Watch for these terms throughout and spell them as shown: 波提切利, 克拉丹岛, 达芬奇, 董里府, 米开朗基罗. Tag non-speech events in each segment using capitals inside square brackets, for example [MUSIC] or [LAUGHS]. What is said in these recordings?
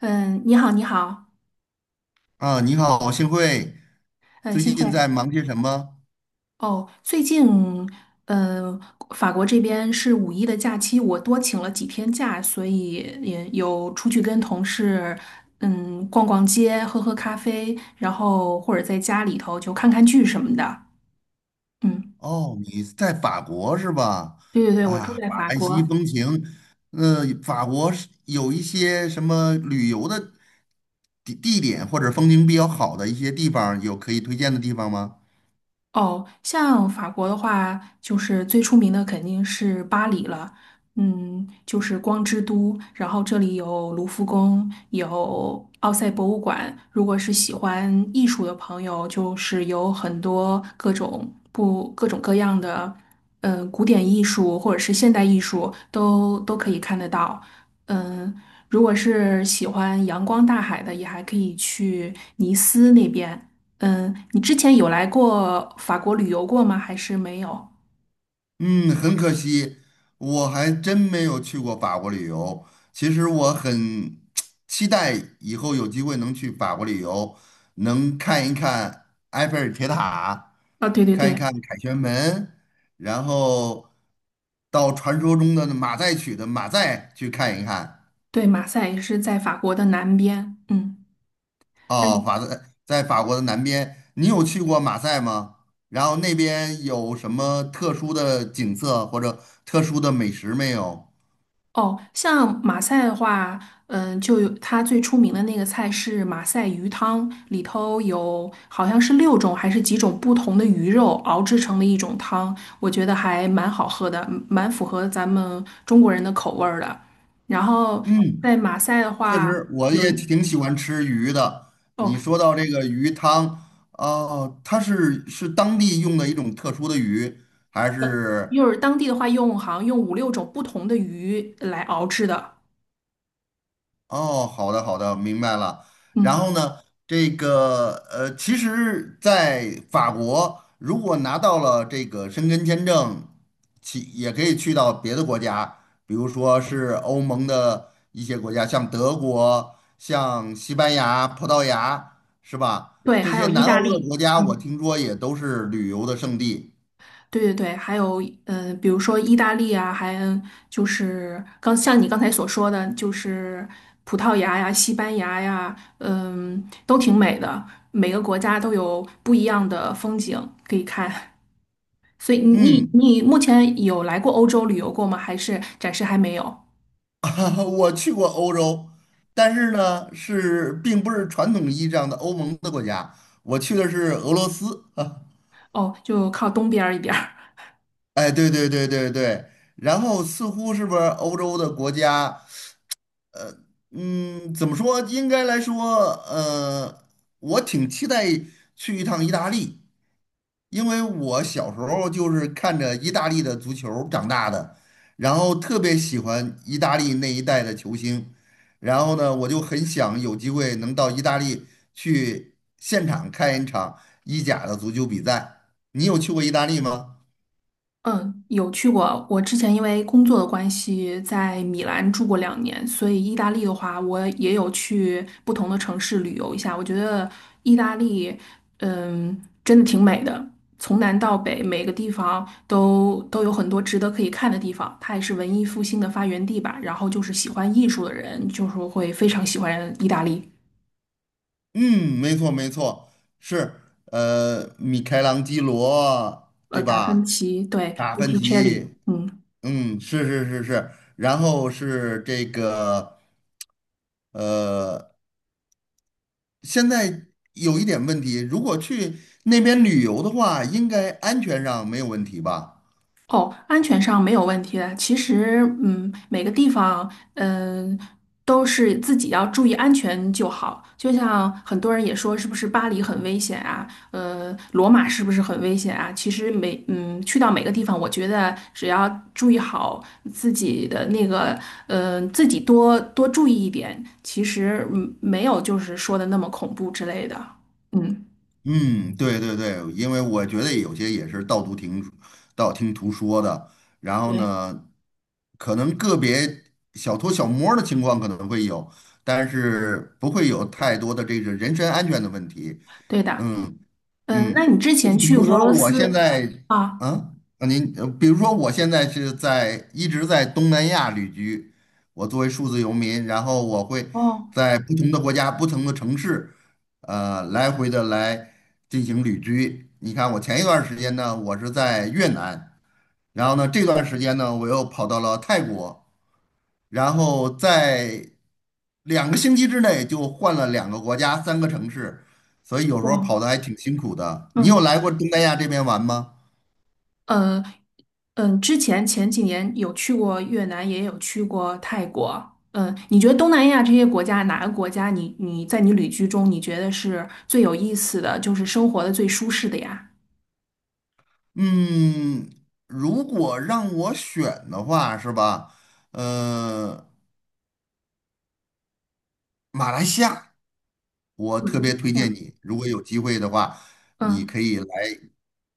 嗯，你好，你好，啊，你好，幸会。嗯，最幸近在会。忙些什么？哦，最近，呃，法国这边是五一的假期，我多请了几天假，所以也有出去跟同事，逛逛街，喝喝咖啡，然后或者在家里头就看看剧什么的。嗯，哦，你在法国是吧？对对对，我住啊，在法法兰西国。风情。法国是有一些什么旅游的地点或者风景比较好的一些地方，有可以推荐的地方吗？哦，像法国的话，就是最出名的肯定是巴黎了，就是光之都。然后这里有卢浮宫，有奥赛博物馆。如果是喜欢艺术的朋友，就是有很多各种不各种各样的，古典艺术或者是现代艺术都可以看得到。嗯，如果是喜欢阳光大海的，也还可以去尼斯那边。你之前有来过法国旅游过吗？还是没有？嗯，很可惜，我还真没有去过法国旅游。其实我很 [TSK] 期待以后有机会能去法国旅游，能看一看埃菲尔铁塔，啊，对对看一对看凯旋门，然后到传说中的马赛曲的马赛去看一看。对，马赛也是在法国的南边。嗯，那哦，你在法国的南边，你有去过马赛吗？然后那边有什么特殊的景色或者特殊的美食没有？哦，像马赛的话，就有它最出名的那个菜是马赛鱼汤，里头有好像是六种还是几种不同的鱼肉熬制成的一种汤，我觉得还蛮好喝的，蛮符合咱们中国人的口味儿的。然后嗯。在马赛的确话，实，我有也一。挺喜欢吃鱼的。哦，你说到这个鱼汤，哦，它是当地用的一种特殊的鱼，还是？就是当地的话用好像用五六种不同的鱼来熬制的，哦，好的好的，明白了。然嗯，后呢，其实，在法国，如果拿到了这个申根签证，其也可以去到别的国家，比如说是欧盟的一些国家，像德国、像西班牙、葡萄牙，是吧？对，这还些有意南欧大的国利，家，我嗯，听说也都是旅游的胜地。对对对，还有比如说意大利啊，还就是像你刚才所说的，就是葡萄牙呀、西班牙呀，都挺美的，每个国家都有不一样的风景可以看。所以你嗯。你目前有来过欧洲旅游过吗？还是暂时还没有？[LAUGHS] 啊，我去过欧洲，但是呢，是并不是传统意义上的欧盟的国家，我去的是俄罗斯。[LAUGHS] 啊，哦，就靠东边儿一点儿。哎，对对对对对，然后似乎是不是欧洲的国家，嗯，怎么说？应该来说，呃，我挺期待去一趟意大利。因为我小时候就是看着意大利的足球长大的，然后特别喜欢意大利那一代的球星，然后呢，我就很想有机会能到意大利去现场看一场意甲的足球比赛。你有去过意大利吗？嗯，有去过。我之前因为工作的关系，在米兰住过2年，所以意大利的话，我也有去不同的城市旅游一下。我觉得意大利，真的挺美的，从南到北，每个地方都有很多值得可以看的地方。它也是文艺复兴的发源地吧。然后就是喜欢艺术的人，就是会非常喜欢意大利。嗯，没错没错，是米开朗基罗，对达芬吧？奇，对 达 b 芬提切利奇，嗯，是是是是，然后是这个呃。现在有一点问题，如果去那边旅游的话，应该安全上没有问题吧？哦，安全上没有问题的。其实，每个地方，都是自己要注意安全就好。就像很多人也说，是不是巴黎很危险啊？罗马是不是很危险啊？其实去到每个地方，我觉得只要注意好自己的那个，自己多多注意一点，其实，没有就是说的那么恐怖之类的。嗯，嗯，对对对，因为我觉得有些也是道听途说的，然后对，呢，可能个别小偷小摸儿的情况可能会有，但是不会有太多的这个人身安全的问题。对的。嗯，嗯，那你之前去俄罗斯啊？啊，比如说我现在是在一直在东南亚旅居，我作为数字游民，然后我会哦。在不同的国家、不同的城市，来回的来进行旅居。你看，我前一段时间呢，我是在越南，然后呢，这段时间呢，我又跑到了泰国，然后在两个星期之内就换了两个国家、三个城市，所以有时候哇，跑的还挺辛苦的。你有嗯来过东南亚这边玩吗？呃之前前几年有去过越南，也有去过泰国。嗯，你觉得东南亚这些国家，哪个国家你在你旅居中，你觉得是最有意思的，就是生活的最舒适的呀？嗯，如果让我选的话，是吧？呃，马来西亚，我特别嗯，推这荐样你，如果有机会的话，你可嗯，以来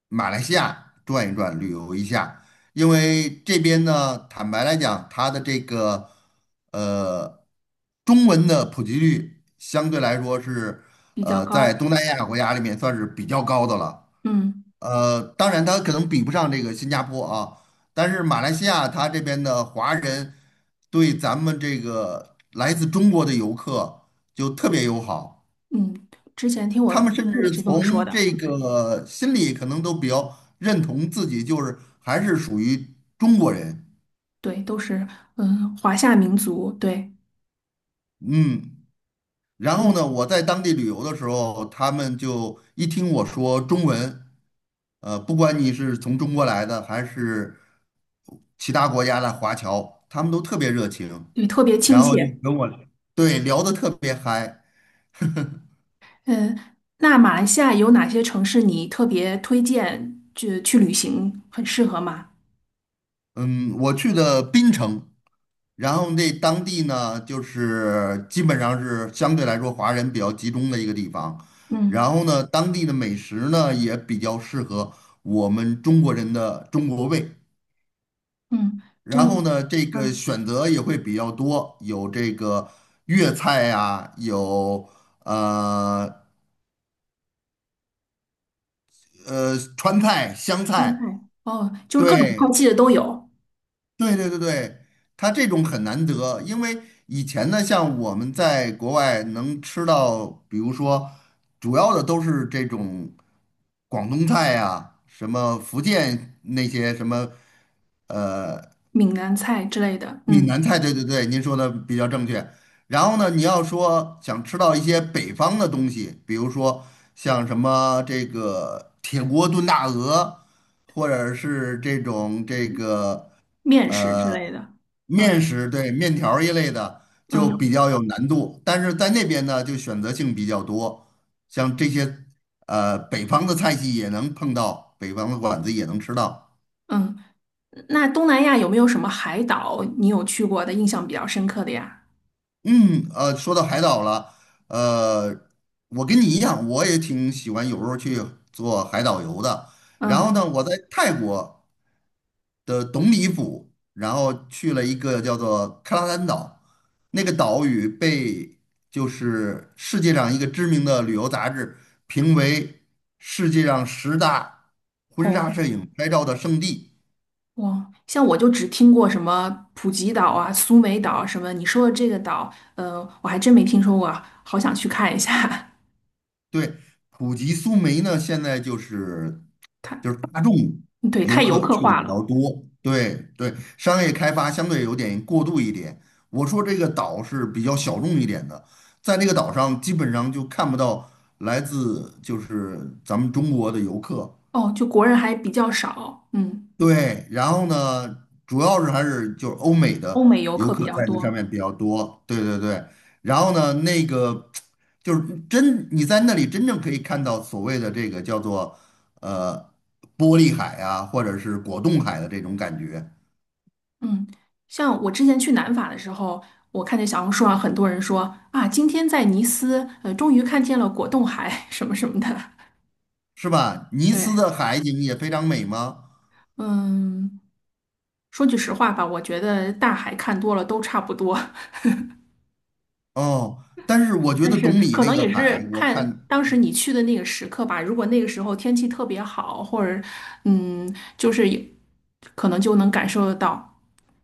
马来西亚转一转，旅游一下。因为这边呢，坦白来讲，它的呃中文的普及率相对来说比较在高，东南亚国家里面算是比较高的了。嗯呃，当然它可能比不上这个新加坡啊，但是马来西亚它这边的华人对咱们这个来自中国的游客就特别友好。嗯，之前听我他同们甚事也至是这么说从的，这个心里可能都比较认同自己，就是还是属于中国人。对，都是华夏民族，对，嗯，然后嗯呢，我在当地旅游的时候，他们就一听我说中文，不管你是从中国来的还是其他国家的华侨，他们都特别热情，对，特别亲然后就切，跟我对聊得特别嗨。嗯，那马来西亚有哪些城市你特别推荐去旅行，很适合吗？嗯，我去的槟城，然后那当地呢，就是基本上是相对来说华人比较集中的一个地方，嗯然后呢，当地的美食呢也比较适合我们中国人的中国胃，嗯，真然后的，呢，这个嗯，选择也会比较多，有这个粤菜呀，有呃川菜、湘川菜，菜哦，就是各种对，菜系的都有，对对对对，它这种很难得，因为以前呢，像我们在国外能吃到，比如说主要的都是这种广东菜呀、什么福建那些什么，呃。闽南菜之类的，闽南菜，对对对，您说的比较正确。然后呢，你要说想吃到一些北方的东西，比如说像什么这个铁锅炖大鹅，或者是这种这个面食之呃类的，面嗯食，对，面条儿一类的，就嗯比较有难度。但是在那边呢，就选择性比较多，像这些北方的菜系也能碰到，北方的馆子也能吃到。嗯。那东南亚有没有什么海岛你有去过的，印象比较深刻的呀？嗯，说到海岛了，呃，我跟你一样，我也挺喜欢有时候去做海岛游的。然后嗯，呢，我在泰国的董里府，然后去了一个叫做克拉丹岛，那个岛屿被就是世界上一个知名的旅游杂志评为世界上十大婚哦。纱摄影拍照的圣地。哇，像我就只听过什么普吉岛啊、苏梅岛啊什么，你说的这个岛，我还真没听说过啊，好想去看一下。对，普吉苏梅呢，现在就是大众 [LAUGHS] 对，游太游客客去的化比了。较多，对对，商业开发相对有点过度一点。我说这个岛是比较小众一点的，在那个岛上基本上就看不到来自就是咱们中国的游客，哦，就国人还比较少，对，然后呢，主要是还是就是欧美欧的美游游客比客较在那上多。面比较多，对对对。然后呢，就是真你在那里真正可以看到所谓的这个叫做呃玻璃海啊，或者是果冻海的这种感觉，嗯，像我之前去南法的时候，我看见小红书上很多人说啊，今天在尼斯，终于看见了果冻海 [LAUGHS] 什么什么的。是吧？尼斯对，的海景也非常美吗？嗯，说句实话吧，我觉得大海看多了都差不多。哦，但是我觉但得是懂你可那能个也是海，我看看。当时你去的那个时刻吧。如果那个时候天气特别好，或者嗯，就是也可能就能感受得到。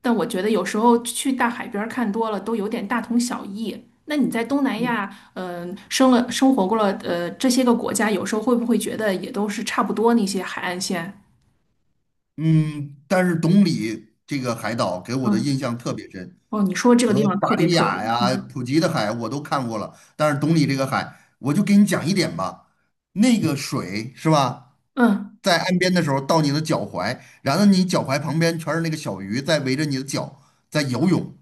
但我觉得有时候去大海边儿看多了，都有点大同小异。那你在东南嗯亚，生活过了，这些个国家，有时候会不会觉得也都是差不多那些海岸线？嗯，但是董里这个海岛给我的嗯，印象特别深，哦，你说这个和地方巴特别里特别，雅呀、嗯普吉的海我都看过了，但是董里这个海，我就给你讲一点吧，那个水是吧，嗯。在岸边的时候到你的脚踝，然后你脚踝旁边全是那个小鱼在围着你的脚在游泳。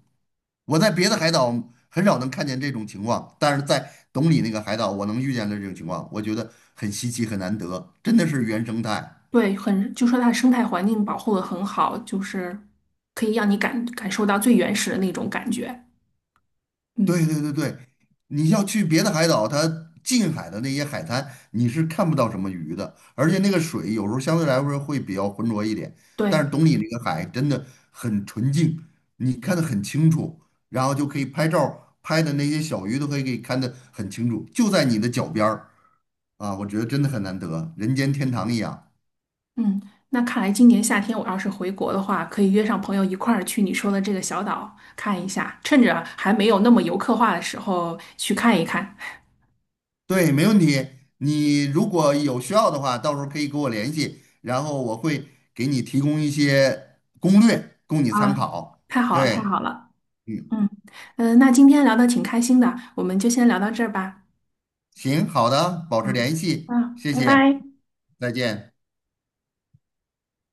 我在别的海岛很少能看见这种情况，但是在董里那个海岛，我能遇见的这种情况，我觉得很稀奇，很难得，真的是原生态。对，很，就说它的生态环境保护的很好，就是可以让你感受到最原始的那种感觉。嗯，对对对对，你要去别的海岛，它近海的那些海滩，你是看不到什么鱼的，而且那个水有时候相对来说会比较浑浊一点，但对，是懂你那个海真的很纯净，你看得很清楚，然后就可以拍照儿拍的那些小鱼都可以给看得很清楚，就在你的脚边儿啊，我觉得真的很难得，人间天堂一样。嗯，那看来今年夏天我要是回国的话，可以约上朋友一块儿去你说的这个小岛看一下，趁着还没有那么游客化的时候去看一看。对，没问题。你如果有需要的话，到时候可以跟我联系，然后我会给你提供一些攻略供你参啊，考。太好了，对，太好了。嗯，嗯，那今天聊的挺开心的，我们就先聊到这儿吧。行，好的，保持啊，联系，谢拜谢，拜。再见。